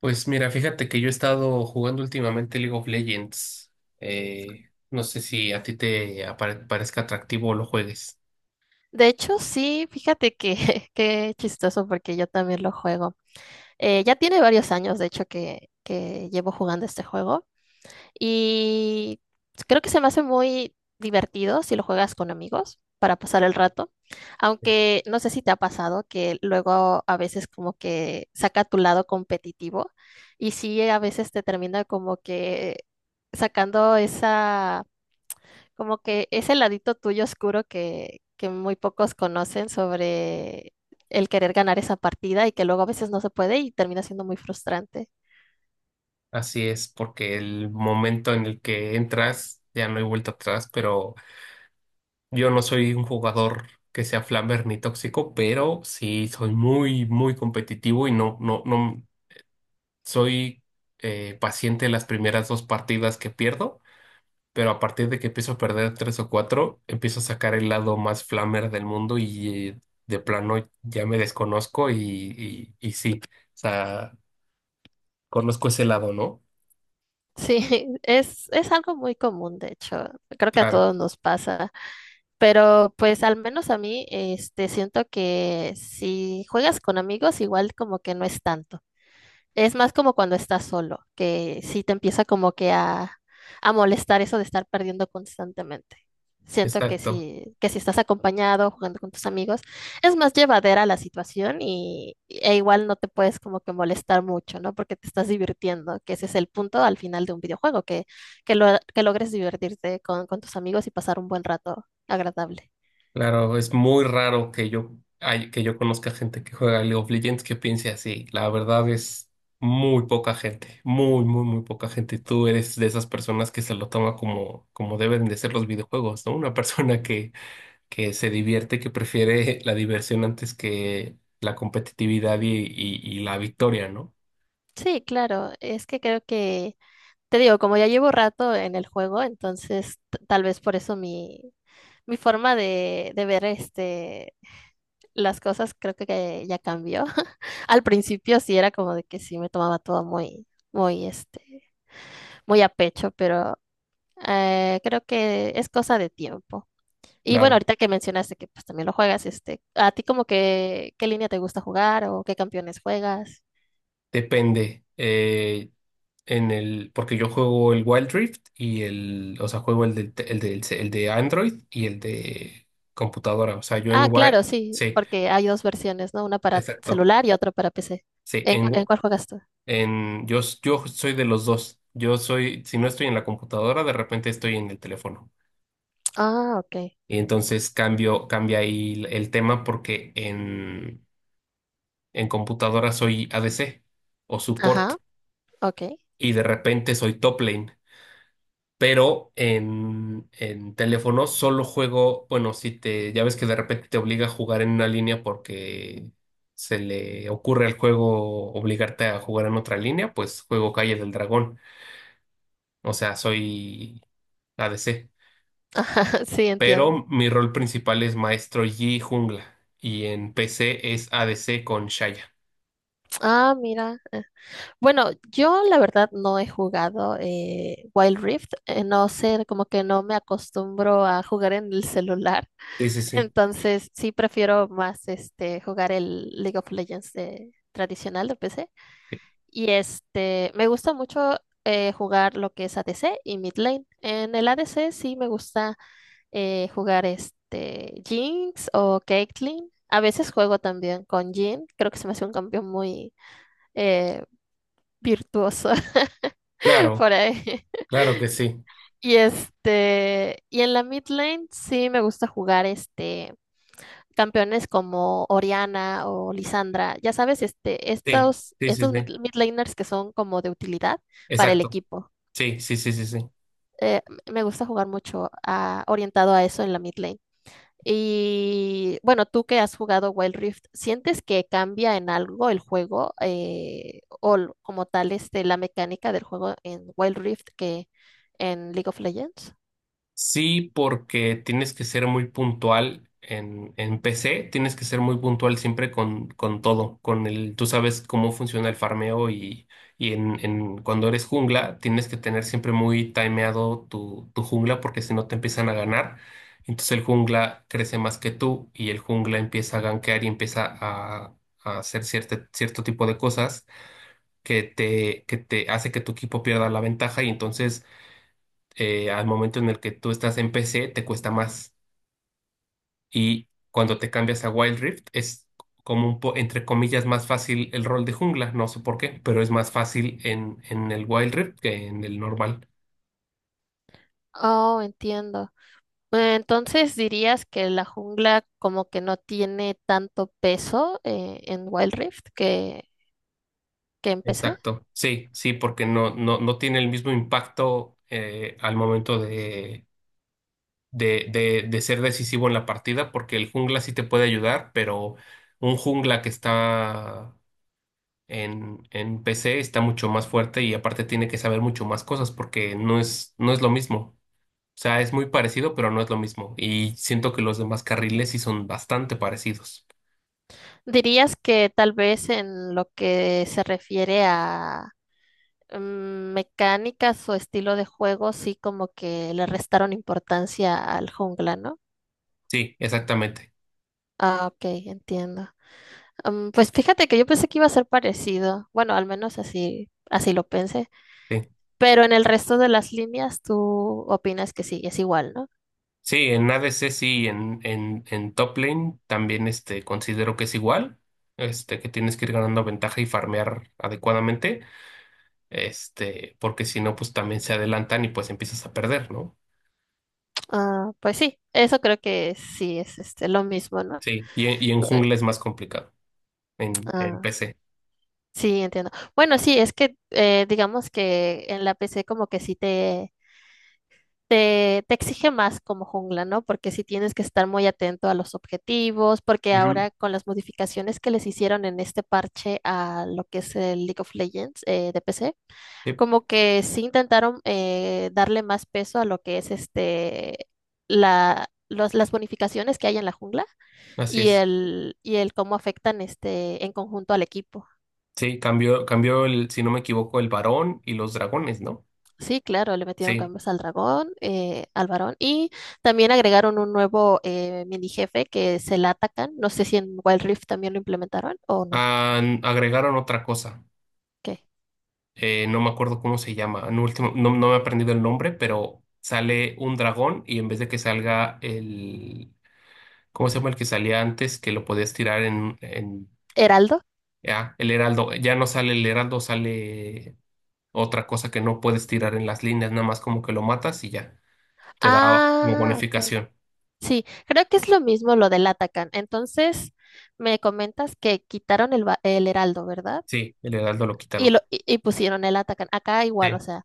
Pues mira, fíjate que yo he estado jugando últimamente League of Legends. No sé si a ti parezca atractivo o lo juegues. De hecho, sí, fíjate que qué chistoso porque yo también lo juego. Ya tiene varios años, de hecho, que llevo jugando este juego y creo que se me hace muy divertido si lo juegas con amigos para pasar el rato. Aunque no sé si te ha pasado que luego a veces como que saca tu lado competitivo y sí, a veces te termina como que sacando esa como que ese ladito tuyo oscuro que muy pocos conocen sobre el querer ganar esa partida y que luego a veces no se puede y termina siendo muy frustrante. Así es, porque el momento en el que entras ya no hay vuelta atrás, pero yo no soy un jugador que sea flamber ni tóxico, pero sí soy muy, muy competitivo y no soy paciente en las primeras dos partidas que pierdo, pero a partir de que empiezo a perder tres o cuatro, empiezo a sacar el lado más flamer del mundo y, de plano ya me desconozco y, y sí, o sea, conozco ese lado, ¿no? Sí, es algo muy común, de hecho. Creo que a Claro, todos nos pasa. Pero pues al menos a mí, este, siento que si juegas con amigos, igual como que no es tanto. Es más como cuando estás solo, que sí te empieza como que a molestar eso de estar perdiendo constantemente. Siento exacto. Que si estás acompañado, jugando con tus amigos, es más llevadera la situación y, e igual no te puedes como que molestar mucho, ¿no? Porque te estás divirtiendo, que ese es el punto al final de un videojuego, que logres divertirte con tus amigos y pasar un buen rato agradable. Claro, es muy raro que que yo conozca gente que juega League of Legends que piense así. La verdad es muy poca gente, muy poca gente. Tú eres de esas personas que se lo toma como, como deben de ser los videojuegos, ¿no? Una persona que se divierte, que prefiere la diversión antes que la competitividad y la victoria, ¿no? Sí, claro, es que creo que te digo, como ya llevo rato en el juego, entonces tal vez por eso mi, mi forma de ver este, las cosas creo que ya cambió. Al principio sí era como de que sí me tomaba todo muy, muy, este, muy a pecho, pero creo que es cosa de tiempo. Y bueno, Claro, ahorita que mencionaste que pues también lo juegas, este, ¿a ti como que qué línea te gusta jugar o qué campeones juegas? depende. En el, porque yo juego el Wild Rift y juego el del, te- el del, ce- el de Android y el de computadora. O sea, yo en Ah, Wild, claro, sí, sí, porque hay dos versiones, ¿no? Una para exacto. celular y otra para PC. Sí, ¿En, en en cuál juegas tú? Yo soy de los dos. Yo soy, si no estoy en la computadora, de repente estoy en el teléfono. Ah, ok. Y entonces cambia ahí el tema porque en computadora soy ADC o support Ajá, ok. y de repente soy top lane. Pero en teléfono solo juego, bueno, si te, ya ves que de repente te obliga a jugar en una línea porque se le ocurre al juego obligarte a jugar en otra línea, pues juego Calle del Dragón. O sea, soy ADC. Sí, entiendo. Pero mi rol principal es maestro Yi jungla. Y en PC es ADC con Shaya. Ah, mira. Bueno, yo la verdad no he jugado Wild Rift. No sé, como que no me acostumbro a jugar en el celular. Sí, sí, sí. Entonces, sí prefiero más este jugar el League of Legends tradicional de PC. Y este, me gusta mucho jugar lo que es ADC y mid lane. En el ADC sí me gusta. Jugar este Jinx o Caitlyn. A veces juego también con Jhin. Creo que se me hace un cambio muy eh, virtuoso Claro, por ahí. claro que sí. Y este, y en la mid lane sí me gusta jugar este campeones como Oriana o Lisandra. Ya sabes, este, Sí, sí, sí, estos sí. mid laners que son como de utilidad para el Exacto. equipo. Sí, sí, sí, sí, sí. Eh, Me gusta jugar mucho orientado a eso en la mid lane. Y bueno, tú que has jugado Wild Rift, ¿sientes que cambia en algo el juego como tal este, la mecánica del juego en Wild Rift que en League of Legends? Sí, porque tienes que ser muy puntual en, PC, tienes que ser muy puntual siempre con todo, con el, tú sabes cómo funciona el farmeo y, cuando eres jungla, tienes que tener siempre muy timeado tu jungla porque si no te empiezan a ganar. Entonces el jungla crece más que tú y el jungla empieza a gankear y empieza a hacer cierto tipo de cosas que que te hace que tu equipo pierda la ventaja y entonces, al momento en el que tú estás en PC te cuesta más. Y cuando te cambias a Wild Rift es como un po, entre comillas, más fácil el rol de jungla, no sé por qué, pero es más fácil en, el Wild Rift que en el normal. Oh, entiendo. Entonces dirías que la jungla como que no tiene tanto peso en Wild Rift que empecé. Exacto. Sí, sí, porque no tiene el mismo impacto, al momento de ser decisivo en la partida, porque el jungla sí te puede ayudar, pero un jungla que está en PC está mucho más fuerte y aparte tiene que saber mucho más cosas porque no es, no es lo mismo. O sea, es muy parecido, pero no es lo mismo. Y siento que los demás carriles sí son bastante parecidos. ¿Dirías que tal vez en lo que se refiere a mm, mecánicas o estilo de juego, sí como que le restaron importancia al jungla, ¿no? Sí, exactamente. Ah, ok, entiendo. Mm, pues fíjate que yo pensé que iba a ser parecido. Bueno, al menos así, así lo pensé. Sí, Pero en el resto de las líneas, tú opinas que sí, es igual, ¿no? sí, en ADC sí, en, en top lane también, este, considero que es igual. Este, que tienes que ir ganando ventaja y farmear adecuadamente. Este, porque si no, pues también se adelantan y pues empiezas a perder, ¿no? Ah, pues sí, eso creo que sí es este, lo mismo, ¿no? Sí, y en Eh, jungla es más complicado en Ah, PC. sí, entiendo. Bueno, sí, es que digamos que en la PC como que sí te exige más como jungla, ¿no? Porque sí tienes que estar muy atento a los objetivos, porque Ujú. ahora con las modificaciones que les hicieron en este parche a lo que es el League of Legends de PC, Sí, como que sí intentaron darle más peso a lo que es este, las bonificaciones que hay en la jungla así es. Y el cómo afectan este en conjunto al equipo. Sí, cambió el, si no me equivoco, el varón y los dragones, ¿no? Sí, claro, le metieron Sí. cambios al dragón, al varón, y también agregaron un nuevo mini jefe que se la atacan. No sé si en Wild Rift también lo implementaron o no. Han- agregaron otra cosa. ¿Qué? No me acuerdo cómo se llama. En último, no, no me he aprendido el nombre, pero sale un dragón y en vez de que salga ¿cómo se llama el que salía antes? Que lo podías tirar en, ¿Heraldo? ya, el heraldo. Ya no sale el heraldo, sale otra cosa que no puedes tirar en las líneas, nada más como que lo matas y ya. Te da como Ah, ok. bonificación. Sí, creo que es lo mismo lo del Atacan. Entonces, me comentas que quitaron el heraldo, ¿verdad? Sí, el heraldo lo quitaron. Y pusieron el Atacan. Acá igual, o Sí. sea.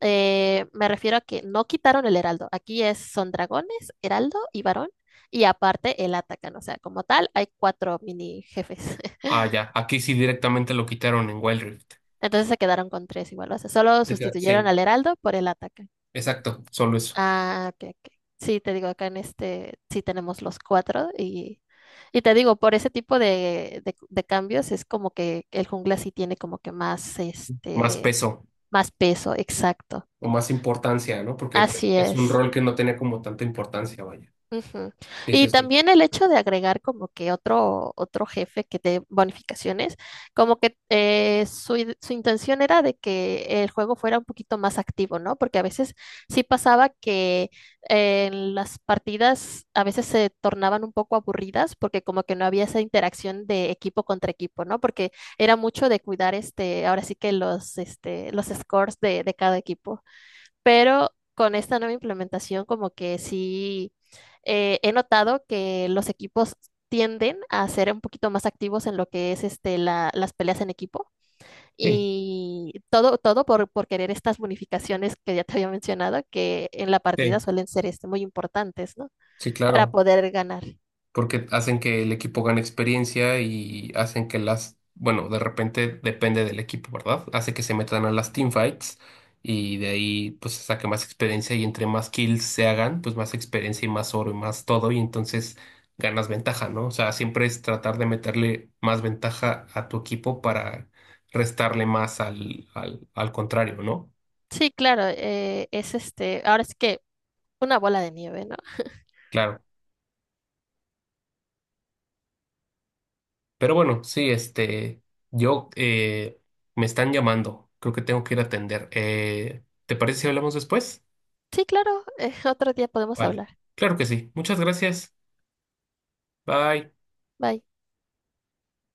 Me refiero a que no quitaron el heraldo. Aquí es, son dragones, heraldo y varón. Y aparte el atacan. O sea, como tal, hay cuatro mini jefes. Ah, ya. Aquí sí directamente lo quitaron en Wild Rift. Entonces se quedaron con tres igual. O sea, solo Te queda- sustituyeron sí, al heraldo por el atacan. exacto. Solo eso. Ah, ok, ok. Sí, te digo, acá en este sí tenemos los cuatro. Y te digo, por ese tipo de cambios es como que el jungla sí tiene como que más, Más este, peso más peso. Exacto. o más importancia, ¿no? Porque te- Así es un es. rol que no tenía como tanta importancia, vaya. Ujú. Sí, Y sí, sí. también el hecho de agregar como que otro, otro jefe que dé bonificaciones, como que su intención era de que el juego fuera un poquito más activo, ¿no? Porque a veces sí pasaba que las partidas a veces se tornaban un poco aburridas porque como que no había esa interacción de equipo contra equipo, ¿no? Porque era mucho de cuidar este, ahora sí que los, este, los scores de cada equipo pero con esta nueva implementación como que sí he notado que los equipos tienden a ser un poquito más activos en lo que es este, las peleas en equipo Sí, y todo, todo por querer estas bonificaciones que ya te había mencionado, que en la partida sí, suelen ser este, muy importantes, ¿no? sí, Para claro. poder ganar. Porque hacen que el equipo gane experiencia y hacen que las, bueno, de repente depende del equipo, ¿verdad? Hace que se metan a las teamfights y de ahí pues se saque más experiencia y entre más kills se hagan, pues más experiencia y más oro y más todo y entonces ganas ventaja, ¿no? O sea, siempre es tratar de meterle más ventaja a tu equipo para restarle más al, al contrario, ¿no? Sí, claro, es este, ahora es que una bola de nieve, ¿no? Claro. Pero bueno, sí, este, yo, me están llamando, creo que tengo que ir a atender. ¿Te parece si hablamos después? Sí, claro, otro día podemos Vale, hablar. claro que sí. Muchas gracias. Bye. Bye.